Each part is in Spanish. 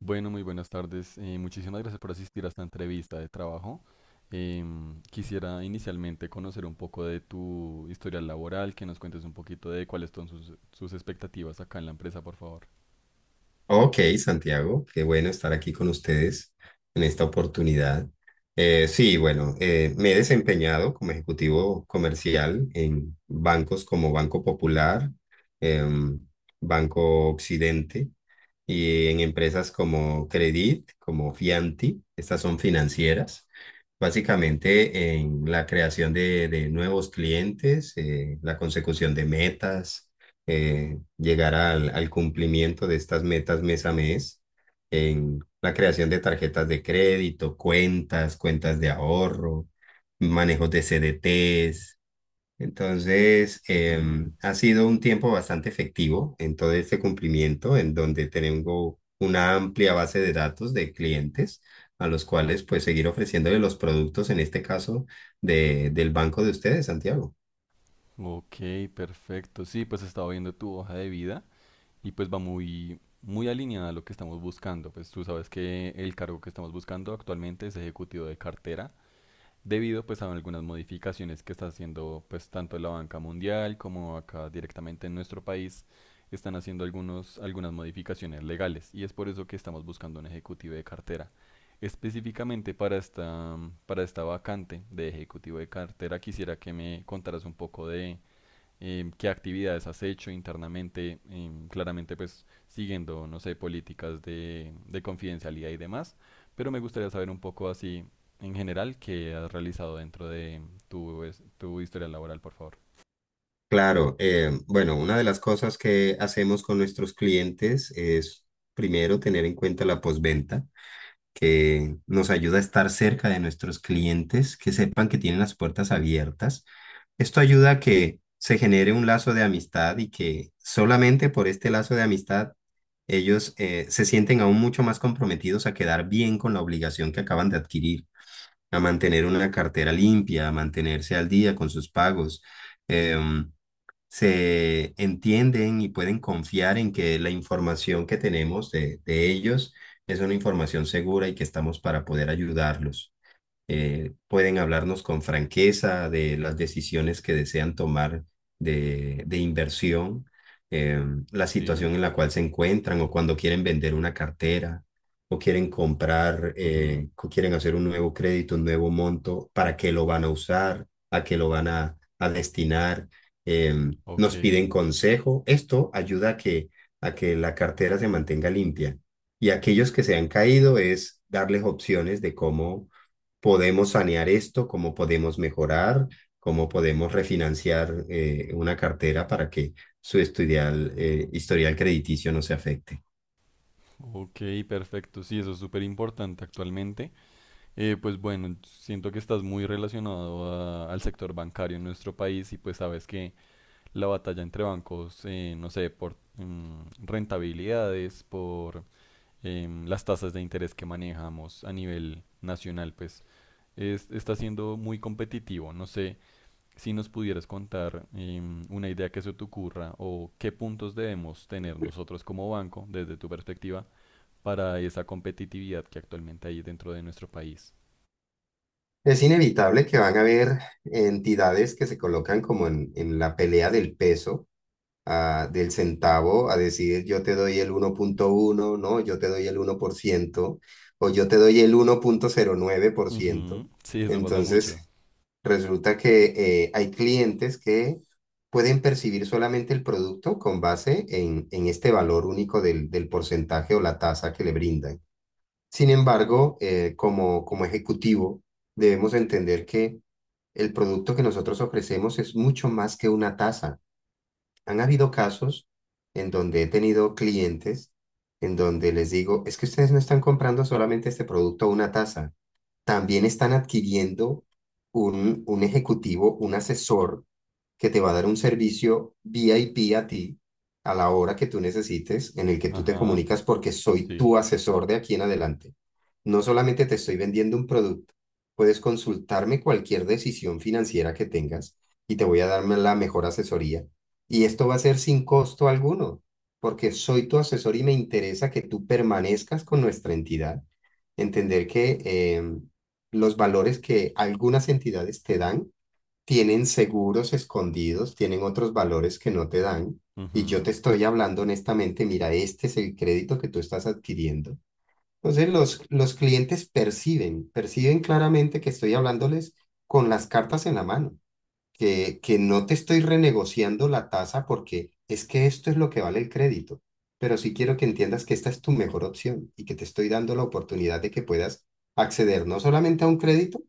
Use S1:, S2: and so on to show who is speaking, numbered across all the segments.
S1: Bueno, muy buenas tardes. Muchísimas gracias por asistir a esta entrevista de trabajo. Quisiera inicialmente conocer un poco de tu historial laboral, que nos cuentes un poquito de cuáles son sus expectativas acá en la empresa, por favor.
S2: Ok, Santiago, qué bueno estar aquí con ustedes en esta oportunidad. Sí, bueno, me he desempeñado como ejecutivo comercial en bancos como Banco Popular, em, Banco Occidente y en empresas como Credit, como Fianti. Estas son financieras. Básicamente en la creación de nuevos clientes, la consecución de metas, llegar al cumplimiento de estas metas mes a mes en la creación de tarjetas de crédito, cuentas de ahorro, manejos de CDTs. Entonces,
S1: Ujú.
S2: ha sido un tiempo bastante efectivo en todo este cumplimiento, en donde tengo una amplia base de datos de clientes a los cuales pues seguir ofreciéndole los productos, en este caso, del banco de ustedes, Santiago.
S1: Ok, perfecto. Sí, pues estaba viendo tu hoja de vida y pues va muy alineada a lo que estamos buscando. Pues tú sabes que el cargo que estamos buscando actualmente es ejecutivo de cartera. Debido pues a algunas modificaciones que está haciendo pues tanto la banca mundial como acá directamente en nuestro país están haciendo algunas modificaciones legales y es por eso que estamos buscando un ejecutivo de cartera. Específicamente para esta, para esta vacante de ejecutivo de cartera quisiera que me contaras un poco de qué actividades has hecho internamente. Claramente pues siguiendo, no sé, políticas de confidencialidad y demás, pero me gustaría saber un poco así en general qué has realizado dentro de tu historia laboral, por favor.
S2: Claro, bueno, una de las cosas que hacemos con nuestros clientes es primero tener en cuenta la postventa, que nos ayuda a estar cerca de nuestros clientes, que sepan que tienen las puertas abiertas. Esto ayuda a que se genere un lazo de amistad y que solamente por este lazo de amistad ellos se sienten aún mucho más comprometidos a quedar bien con la obligación que acaban de adquirir, a mantener una cartera limpia, a mantenerse al día con sus pagos. em, se entienden y pueden confiar en que la información que tenemos de ellos es una información segura y que estamos para poder ayudarlos. Pueden hablarnos con franqueza de las decisiones que desean tomar de inversión, eh, la
S1: Sí.
S2: situación en la cual se encuentran o cuando quieren vender una cartera o quieren comprar,
S1: Ujú.
S2: o quieren hacer un nuevo crédito, un nuevo monto, para qué lo van a usar, a qué lo van a destinar. eh,
S1: Ok,
S2: nos piden consejo. Esto ayuda a que la cartera se mantenga limpia. Y aquellos que se han caído es darles opciones de cómo podemos sanear esto, cómo podemos mejorar, cómo podemos refinanciar, una cartera para que su historial crediticio no se afecte.
S1: ok, perfecto. Sí, eso es súper importante actualmente. Pues bueno, siento que estás muy relacionado al sector bancario en nuestro país y pues sabes que la batalla entre bancos, no sé, por rentabilidades, por las tasas de interés que manejamos a nivel nacional, pues está siendo muy competitivo. No sé si nos pudieras contar una idea que se te ocurra o qué puntos debemos tener nosotros como banco, desde tu perspectiva, para esa competitividad que actualmente hay dentro de nuestro país.
S2: Es inevitable que van a haber entidades que se colocan como en la pelea del peso, ah, del centavo, a decir yo te doy el 1,1, no, yo te doy el 1% o yo te doy el 1,09%.
S1: Ujú, sí, eso pasa
S2: Entonces,
S1: mucho.
S2: resulta que hay clientes que pueden percibir solamente el producto con base en este valor único del porcentaje o la tasa que le brindan. Sin embargo, como ejecutivo, debemos entender que el producto que nosotros ofrecemos es mucho más que una tasa. Han habido casos en donde he tenido clientes en donde les digo, es que ustedes no están comprando solamente este producto o una tasa, también están adquiriendo un ejecutivo, un asesor que te va a dar un servicio VIP a ti a la hora que tú necesites, en el que tú te
S1: Ajá,
S2: comunicas porque soy
S1: sí.
S2: tu asesor de aquí en adelante. No solamente te estoy vendiendo un producto, puedes consultarme cualquier decisión financiera que tengas y te voy a dar la mejor asesoría. Y esto va a ser sin costo alguno, porque soy tu asesor y me interesa que tú permanezcas con nuestra entidad, entender que los valores que algunas entidades te dan tienen seguros escondidos, tienen otros valores que no te dan. Y yo
S1: Ujú,
S2: te estoy hablando honestamente, mira, este es el crédito que tú estás adquiriendo. Entonces los clientes perciben claramente que estoy hablándoles con las cartas en la mano, que no te estoy renegociando la tasa porque es que esto es lo que vale el crédito, pero sí quiero que entiendas que esta es tu mejor opción y que te estoy dando la oportunidad de que puedas acceder no solamente a un crédito,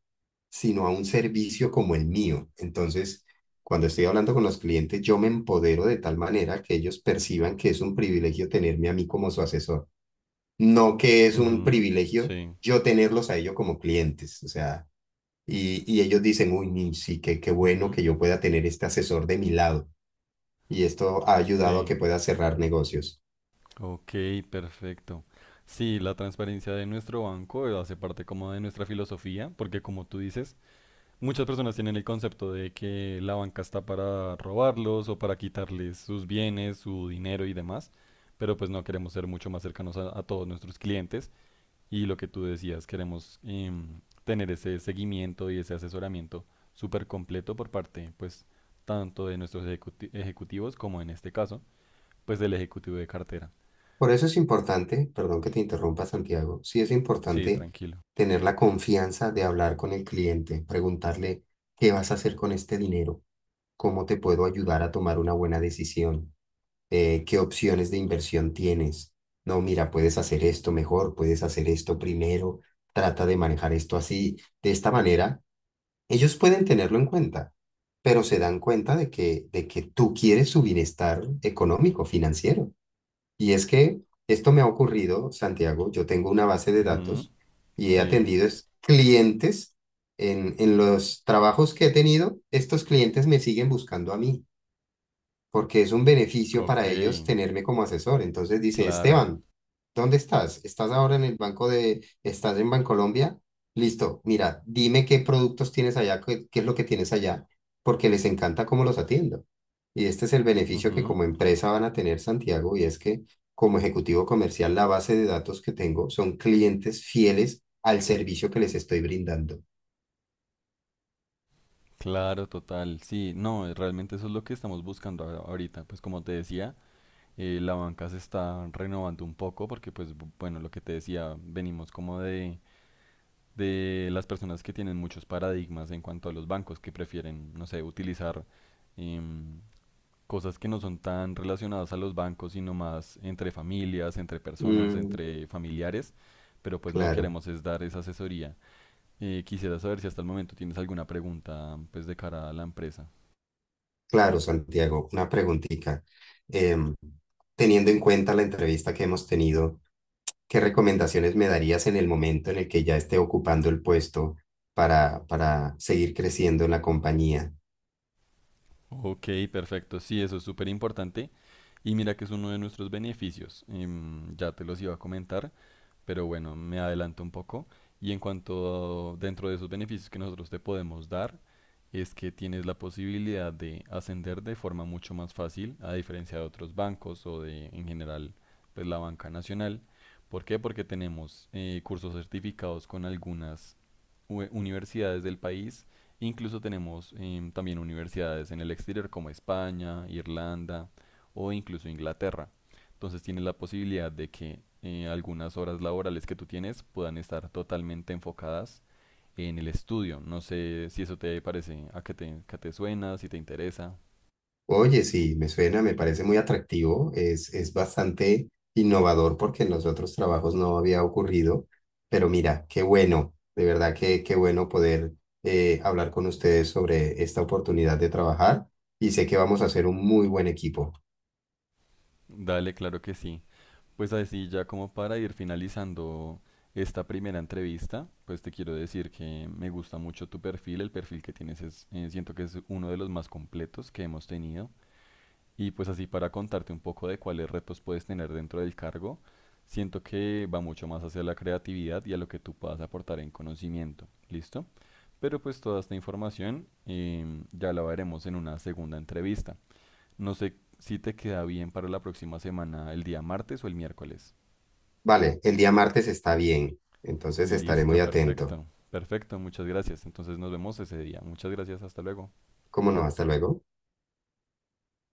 S2: sino a un servicio como el mío. Entonces, cuando estoy hablando con los clientes, yo me empodero de tal manera que ellos perciban que es un privilegio tenerme a mí como su asesor, no que es un
S1: ujú,
S2: privilegio
S1: sí.
S2: yo tenerlos a ellos como clientes. O sea, y ellos dicen, uy, ni sí, qué bueno
S1: Ujú.
S2: que yo pueda tener este asesor de mi lado. Y esto ha ayudado a
S1: Sí,
S2: que pueda cerrar negocios.
S1: ok, perfecto. Sí, la transparencia de nuestro banco hace parte como de nuestra filosofía, porque como tú dices, muchas personas tienen el concepto de que la banca está para robarlos o para quitarles sus bienes, su dinero y demás, pero pues no queremos ser mucho más cercanos a todos nuestros clientes y lo que tú decías, queremos tener ese seguimiento y ese asesoramiento súper completo por parte pues tanto de nuestros ejecutivos como en este caso pues del ejecutivo de cartera.
S2: Por eso es importante, perdón que te interrumpa, Santiago, sí es
S1: Sí,
S2: importante
S1: tranquilo.
S2: tener la confianza de hablar con el cliente, preguntarle, ¿qué vas a hacer con este dinero? ¿Cómo te puedo ayudar a tomar una buena decisión? ¿Qué opciones de inversión tienes? No, mira, puedes hacer esto mejor, puedes hacer esto primero, trata de manejar esto así. De esta manera ellos pueden tenerlo en cuenta, pero se dan cuenta de que tú quieres su bienestar económico, financiero. Y es que esto me ha ocurrido, Santiago, yo tengo una base de
S1: Ujú,
S2: datos y he
S1: sí,
S2: atendido clientes en los trabajos que he tenido, estos clientes me siguen buscando a mí porque es un beneficio
S1: ok,
S2: para ellos tenerme como asesor. Entonces dice,
S1: claro,
S2: Esteban, ¿dónde estás? ¿Estás ahora en el banco estás en Bancolombia? Listo, mira, dime qué productos tienes allá, qué es lo que tienes allá, porque les encanta cómo los atiendo. Y este es el beneficio que
S1: ujú,
S2: como empresa van a tener, Santiago, y es que como ejecutivo comercial, la base de datos que tengo son clientes fieles al servicio que les estoy brindando.
S1: claro, total, sí, no, realmente eso es lo que estamos buscando ahorita, pues como te decía, la banca se está renovando un poco porque pues bueno, lo que te decía, venimos como de las personas que tienen muchos paradigmas en cuanto a los bancos que prefieren, no sé, utilizar em, cosas que no son tan relacionadas a los bancos, sino más entre familias, entre personas,
S2: Mm,
S1: entre familiares, pero pues no
S2: claro,
S1: queremos es dar esa asesoría. Quisiera saber si hasta el momento tienes alguna pregunta pues de cara a la empresa.
S2: claro, Santiago, una preguntita. Em, Teniendo en cuenta la entrevista que hemos tenido, ¿qué recomendaciones me darías en el momento en el que ya esté ocupando el puesto para seguir creciendo en la compañía?
S1: Ok, perfecto. Sí, eso es súper importante. Y mira que es uno de nuestros beneficios. Ya te los iba a comentar. Pero bueno, me adelanto un poco. Y en cuanto a, dentro de esos beneficios que nosotros te podemos dar, es que tienes la posibilidad de ascender de forma mucho más fácil, a diferencia de otros bancos o de en general pues, la banca nacional. ¿Por qué? Porque tenemos cursos certificados con algunas universidades del país. Incluso tenemos también universidades en el exterior como España, Irlanda o incluso Inglaterra. Entonces tienes la posibilidad de que algunas horas laborales que tú tienes puedan estar totalmente enfocadas en el estudio. No sé si eso te parece, a que que te suena, si te interesa.
S2: Oye, sí, me suena, me parece muy atractivo, es bastante innovador porque en los otros trabajos no había ocurrido, pero mira, qué bueno, de verdad que qué bueno poder hablar con ustedes sobre esta oportunidad de trabajar y sé que vamos a ser un muy buen equipo.
S1: Dale, claro que sí. Pues así ya como para ir finalizando esta primera entrevista, pues te quiero decir que me gusta mucho tu perfil, el perfil que tienes es, siento que es uno de los más completos que hemos tenido. Y pues así para contarte un poco de cuáles retos puedes tener dentro del cargo, siento que va mucho más hacia la creatividad y a lo que tú puedas aportar en conocimiento, ¿listo? Pero pues toda esta información ya la veremos en una segunda entrevista. No sé si te queda bien para la próxima semana, el día martes o el miércoles.
S2: Vale, el día martes está bien, entonces estaré muy
S1: Listo,
S2: atento.
S1: perfecto. Perfecto, muchas gracias. Entonces nos vemos ese día. Muchas gracias, hasta luego.
S2: ¿Cómo no? Hasta luego.